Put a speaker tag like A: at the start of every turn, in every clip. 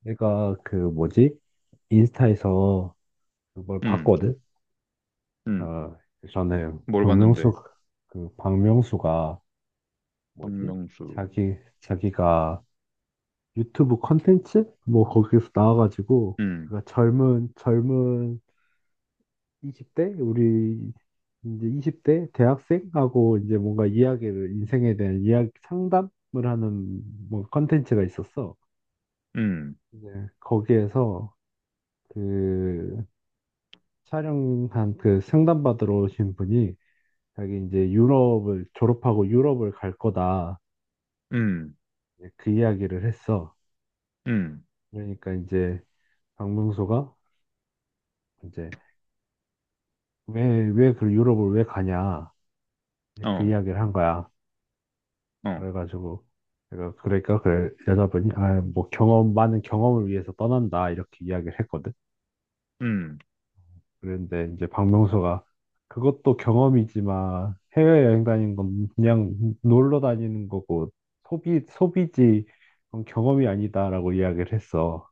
A: 내가 그 뭐지? 인스타에서 그걸
B: 음,
A: 봤거든.
B: 음,
A: 아, 전에
B: 뭘 봤는데?
A: 박명수 박명수가 뭐지?
B: 박명수.
A: 자기 자기가 유튜브 컨텐츠 뭐 거기에서 나와가지고
B: 음,
A: 그가 젊은 20대 우리 이제 20대 대학생하고 이제 뭔가 이야기를, 인생에 대한 이야기 상담을 하는 뭐 컨텐츠가 있었어.
B: 음,
A: 이제 거기에서 그 촬영한, 그 상담 받으러 오신 분이 자기 이제 유럽을 졸업하고 유럽을 갈 거다,
B: 음,
A: 이제 그 이야기를 했어.
B: 음,
A: 그러니까 이제 박명수가 이제 왜왜 그 유럽을 왜 가냐, 이제 그
B: 어,
A: 이야기를 한 거야.
B: 어,
A: 그래가지고 내가, 그러니까 그 여자분이 아, 뭐 경험, 많은 경험을 위해서 떠난다 이렇게 이야기를 했거든.
B: 음,
A: 그런데 이제 박명수가 그것도 경험이지만 해외여행 다니는 건 그냥 놀러 다니는 거고 소비지 그건 경험이 아니다라고 이야기를 했어.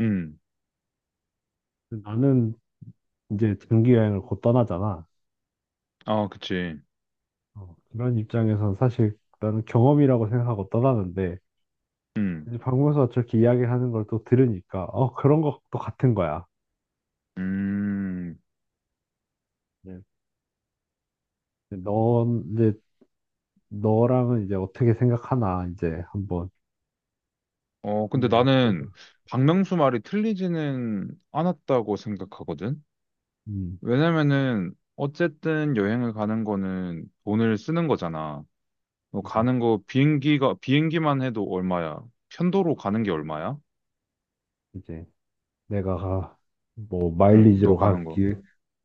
B: 음,
A: 근데 나는 이제 장기여행을 곧 떠나잖아.
B: 아, 그치.
A: 어, 그런 입장에선 사실 나는 경험이라고 생각하고 떠나는데,
B: 음,
A: 이제 박명수가 저렇게 이야기하는 걸 또 들으니까 어, 그런 것도 같은 거야.
B: 음,
A: 네. 근데 넌 이제, 너랑은 이제 어떻게 생각하나 이제 한번,
B: 어, 근데
A: 그냥.
B: 나는 박명수 말이 틀리지는 않았다고 생각하거든?
A: 음,
B: 왜냐면은, 어쨌든 여행을 가는 거는 돈을 쓰는 거잖아. 너
A: 이제
B: 가는 거 비행기만 해도 얼마야? 편도로 가는 게 얼마야?
A: 이제 내가 뭐
B: 어, 너 가는 거.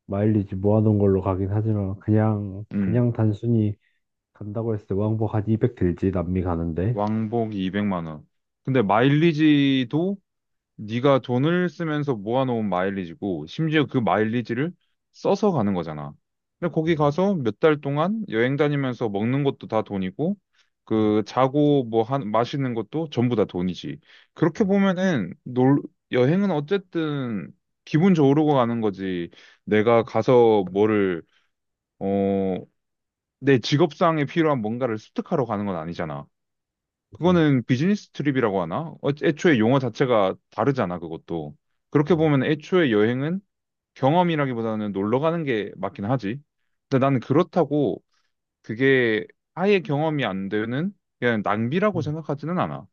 A: 마일리지 모아놓은 걸로 가긴 하지만 그냥
B: 음.
A: 그냥 단순히 간다고 했을 때 왕복 한 200 들지, 남미 가는데.
B: 왕복이 200만 원. 근데 마일리지도 네가 돈을 쓰면서 모아놓은 마일리지고 심지어 그 마일리지를 써서 가는 거잖아. 근데 거기
A: 네.
B: 가서 몇 달 동안 여행 다니면서 먹는 것도 다 돈이고
A: 음, 음,
B: 그 자고 마시는 것도 전부 다 돈이지. 그렇게
A: 음,
B: 보면은 놀, 여행은 어쨌든 기분 좋으려고 가는 거지. 내가 가서 뭐를 어, 내 직업상에 필요한 뭔가를 습득하러 가는 건 아니잖아.
A: 그치.
B: 그거는 비즈니스 트립이라고 하나? 어, 애초에 용어 자체가 다르잖아, 그것도. 그렇게
A: 음,
B: 보면 애초에 여행은 경험이라기보다는 놀러 가는 게 맞긴 하지. 근데 나는 그렇다고 그게 아예 경험이 안 되는 그냥 낭비라고
A: 음,
B: 생각하지는 않아.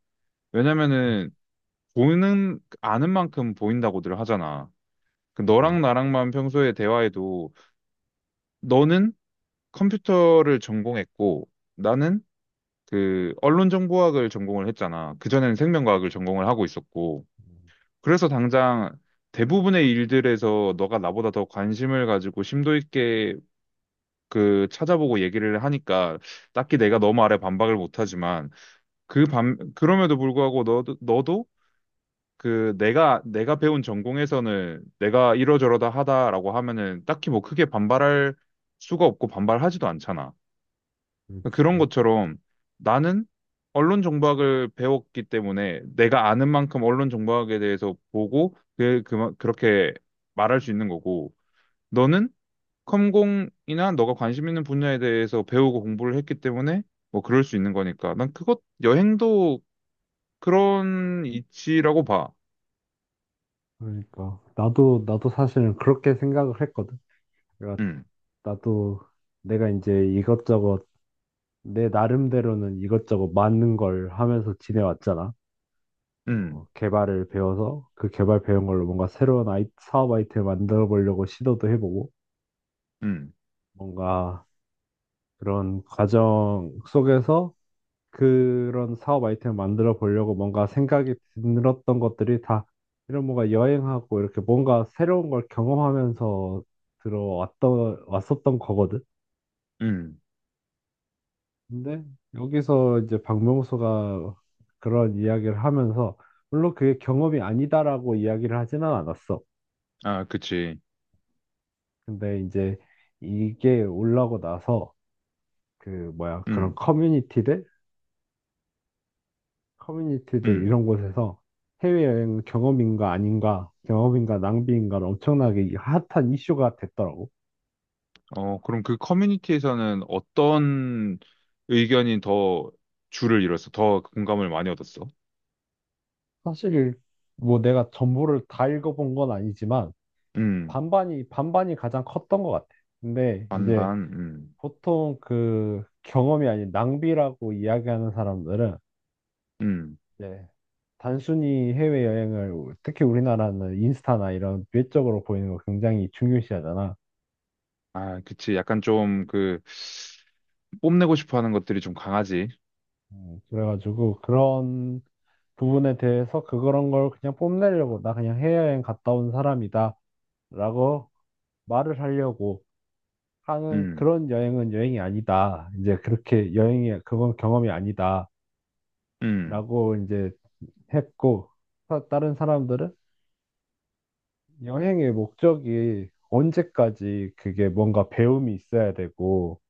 B: 왜냐면은 보는 아는 만큼 보인다고들 하잖아. 그
A: 그치.
B: 너랑 나랑만 평소에 대화해도 너는 컴퓨터를 전공했고 나는 그 언론정보학을 전공을 했잖아. 그전에는 생명과학을 전공을 하고 있었고. 그래서 당장 대부분의 일들에서 너가 나보다 더 관심을 가지고 심도 있게 그 찾아보고 얘기를 하니까 딱히 내가 너 말에 반박을 못하지만 그럼에도 불구하고 너도 그 내가 배운 전공에서는 내가 이러저러다 하다라고 하면은 딱히 뭐 크게 반발할 수가 없고 반발하지도 않잖아. 그런
A: 그렇지.
B: 것처럼 나는 언론 정보학을 배웠기 때문에 내가 아는 만큼 언론 정보학에 대해서 보고 그렇게 말할 수 있는 거고 너는 컴공이나 너가 관심 있는 분야에 대해서 배우고 공부를 했기 때문에 뭐 그럴 수 있는 거니까 난 그것 여행도 그런 이치라고 봐.
A: 그러니까 나도 사실은 그렇게 생각을 했거든. 내가
B: 음,
A: 나도 내가 이제 이것저것, 내 나름대로는 이것저것 맞는 걸 하면서 지내왔잖아. 어,
B: 음,
A: 개발을 배워서 그 개발 배운 걸로 뭔가 새로운 사업 아이템을 만들어 보려고 시도도 해보고,
B: 음,
A: 뭔가 그런 과정 속에서 그런 사업 아이템을 만들어 보려고 뭔가 생각이 들었던 것들이 다 이런 뭔가 여행하고 이렇게 뭔가 새로운 걸 경험하면서 들어왔던 왔었던 거거든.
B: 음.
A: 근데 여기서 이제 박명수가 그런 이야기를 하면서 물론 그게 경험이 아니다라고 이야기를 하지는 않았어.
B: 아, 그치.
A: 근데 이제 이게 올라오고 나서 그 뭐야, 그런
B: 음,
A: 커뮤니티들
B: 음.
A: 이런 곳에서 해외여행 경험인가 아닌가, 경험인가 낭비인가, 엄청나게 이 핫한 이슈가 됐더라고.
B: 어, 그럼 그 커뮤니티에서는 어떤 의견이 더 줄을 이뤘어? 더 공감을 많이 얻었어?
A: 사실 뭐 내가 전부를 다 읽어본 건 아니지만
B: 음,
A: 반반이 가장 컸던 것 같아. 근데 이제
B: 반반,
A: 보통 그 경험이 아닌 낭비라고 이야기하는 사람들은,
B: 음.
A: 네, 단순히 해외여행을, 특히 우리나라는 인스타나 이런 외적으로 보이는 거 굉장히 중요시하잖아.
B: 아, 그치. 약간 좀 그, 뽐내고 싶어 하는 것들이 좀 강하지.
A: 그래가지고 그런 부분에 대해서 그런 걸 그냥 뽐내려고, 나 그냥 해외여행 갔다 온 사람이다. 라고 말을 하려고 하는
B: 음,
A: 그런 여행은 여행이 아니다, 이제 그렇게 여행이, 그건 경험이 아니다.
B: 음,
A: 라고 이제 했고, 다른 사람들은 여행의 목적이 언제까지 그게 뭔가 배움이 있어야 되고,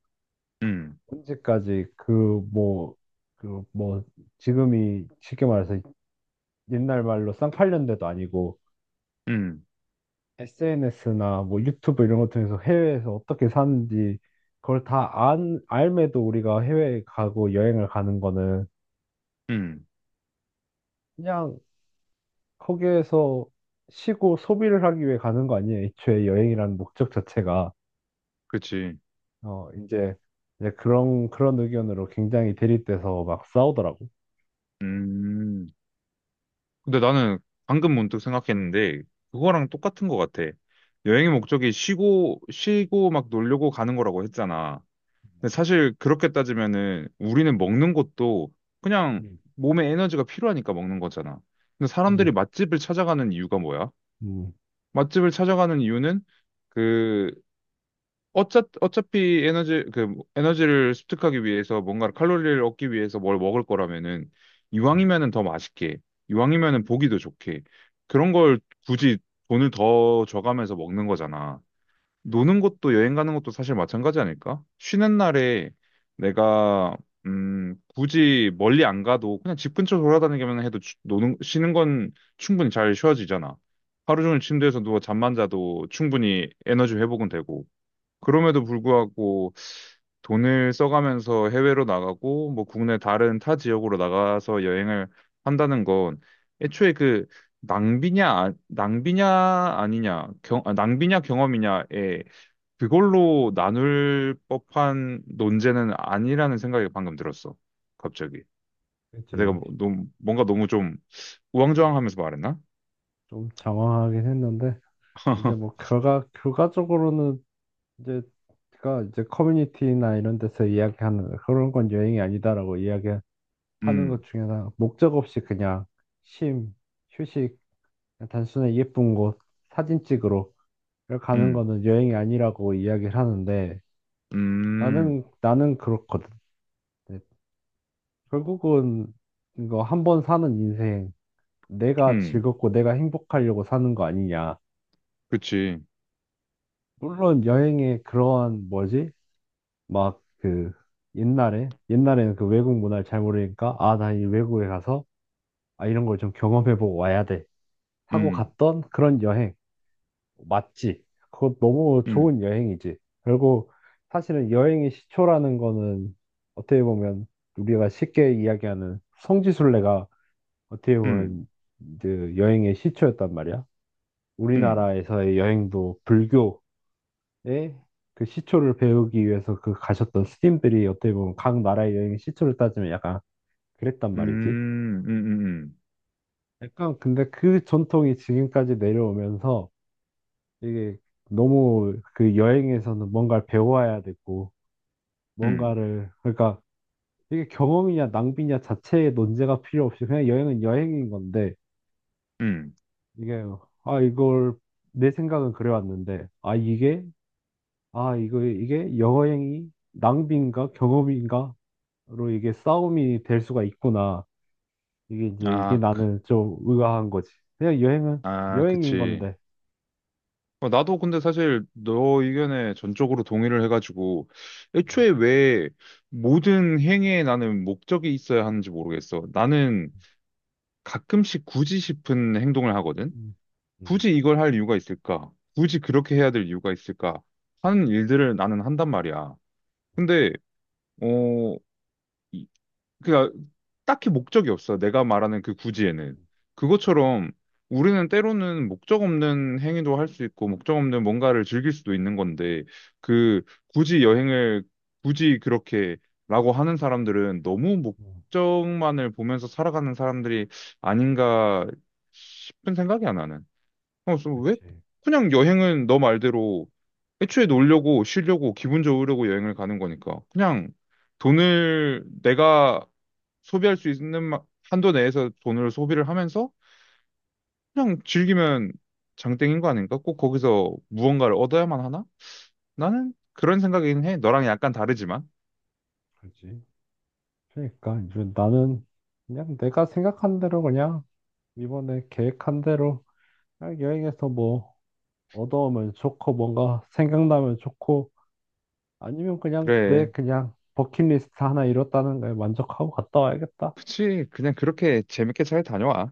B: 음,
A: 언제까지 그 뭐 그 뭐 지금이 쉽게 말해서 옛날 말로 쌍팔년 대도 아니고
B: 음,
A: SNS나 뭐 유튜브 이런 것 통해서 해외에서 어떻게 사는지 그걸 다 안, 알매도 우리가 해외에 가고 여행을 가는 거는
B: 음.
A: 그냥 거기에서 쉬고 소비를 하기 위해 가는 거 아니에요, 애초에 여행이라는 목적 자체가.
B: 그치.
A: 어, 이제 그런 의견으로 굉장히 대립돼서 막 싸우더라고.
B: 음. 근데 나는 방금 문득 생각했는데, 그거랑 똑같은 것 같아. 여행의 목적이 쉬고 막 놀려고 가는 거라고 했잖아. 근데 사실 그렇게 따지면은 우리는 먹는 것도 그냥
A: 음,
B: 몸에 에너지가 필요하니까 먹는 거잖아. 근데
A: 그지.
B: 사람들이 맛집을 찾아가는 이유가 뭐야?
A: 음,
B: 맛집을 찾아가는 이유는 그 어차피 에너지를 습득하기 위해서 뭔가 칼로리를 얻기 위해서 뭘 먹을 거라면은
A: 음,
B: 이왕이면은 더 맛있게, 이왕이면은 보기도 좋게 그런 걸 굳이 돈을 더 줘가면서 먹는 거잖아. 노는 것도 여행 가는 것도 사실 마찬가지 아닐까? 쉬는 날에 내가 굳이 멀리 안 가도 그냥 집 근처 돌아다니기만 해도 노는 쉬는 건 충분히 잘 쉬어지잖아. 하루 종일 침대에서 누워 잠만 자도 충분히 에너지 회복은 되고. 그럼에도 불구하고 돈을 써가면서 해외로 나가고 뭐 국내 다른 타 지역으로 나가서 여행을 한다는 건 애초에 그 낭비냐 아니냐, 경, 아, 낭비냐 경험이냐에 그걸로 나눌 법한 논제는 아니라는 생각이 방금 들었어. 갑자기. 내가
A: 그지.
B: 뭐, 너무, 뭔가 너무 좀 우왕좌왕하면서 말했나?
A: 좀 장황하긴 했는데 이제 뭐 결과적으로는 이제 가 이제 커뮤니티나 이런 데서 이야기하는 그런 건 여행이 아니다라고 이야기하는 것
B: 음,
A: 중에 하나, 목적 없이 그냥 쉼, 휴식, 단순히 예쁜 곳 사진 찍으러 가는
B: 음,
A: 거는 여행이 아니라고 이야기를 하는데,
B: 음,
A: 나는 그렇거든. 네, 결국은 이거 한 번 사는 인생, 내가
B: 음,
A: 즐겁고 내가 행복하려고 사는 거 아니냐.
B: 그치.
A: 물론 여행에 그러한 뭐지? 막 그 옛날에는 그 외국 문화를 잘 모르니까 아, 나 이 외국에 가서 아, 이런 걸 좀 경험해보고 와야 돼 하고
B: 음,
A: 갔던 그런 여행, 맞지? 그거 너무
B: 음,
A: 좋은 여행이지. 결국 사실은 여행의 시초라는 거는 어떻게 보면 우리가 쉽게 이야기하는 성지순례가 어떻게
B: 음,
A: 보면 그 여행의 시초였단 말이야.
B: 음,
A: 우리나라에서의 여행도 불교, 예, 그 시초를 배우기 위해서 그 가셨던 스님들이, 어떻게 보면 각 나라의 여행의 시초를 따지면 약간 그랬단 말이지.
B: 음, 음, 음, 음,
A: 약간 근데 그 전통이 지금까지 내려오면서 이게 너무 그 여행에서는 뭔가를 배워야 되고
B: 음,
A: 뭔가를, 그러니까 이게 경험이냐 낭비냐 자체의 논제가 필요 없이 그냥 여행은 여행인 건데,
B: 음.
A: 이게 아 이걸 내 생각은 그래왔는데, 아 이게 아 이거 이게 여행이 낭비인가 경험인가 로 이게 싸움이 될 수가 있구나. 이게
B: 아, 그-
A: 나는 좀 의아한 거지. 그냥 여행은
B: 아,
A: 여행인
B: 그치.
A: 건데.
B: 어, 나도 근데 사실 너 의견에 전적으로 동의를 해가지고
A: 음,
B: 애초에 왜 모든 행위에 나는 목적이 있어야 하는지 모르겠어. 나는 가끔씩 굳이 싶은 행동을 하거든.
A: 음, 음,
B: 굳이 이걸 할 이유가 있을까? 굳이 그렇게 해야 될 이유가 있을까? 하는 일들을 나는 한단 말이야. 근데 어 그러니까 딱히 목적이 없어. 내가 말하는 그 구지에는. 그것처럼 우리는 때로는 목적 없는 행위도 할 수 있고, 목적 없는 뭔가를 즐길 수도 있는 건데, 그 굳이 여행을 굳이 그렇게 라고 하는 사람들은 너무
A: 음.
B: 목적만을 보면서 살아가는 사람들이 아닌가 싶은 생각이야, 나는. 어, 그래서 왜
A: 그렇지,
B: 그냥 여행은 너 말대로 애초에 놀려고 쉬려고 기분 좋으려고 여행을 가는 거니까 그냥 돈을 내가 소비할 수 있는 한도 내에서 돈을 소비를 하면서 그냥 즐기면 장땡인 거 아닌가? 꼭 거기서 무언가를 얻어야만 하나? 나는 그런 생각이긴 해. 너랑 약간 다르지만.
A: 그렇지. 그러니까 이제 나는 그냥 내가 생각한 대로, 그냥 이번에 계획한 대로 그냥 여행에서 뭐 얻어오면 좋고, 뭔가 생각나면 좋고, 아니면 그냥 내
B: 그래.
A: 그냥 버킷리스트 하나 이뤘다는 거에 만족하고 갔다 와야겠다.
B: 그치. 그냥 그렇게 재밌게 잘 다녀와.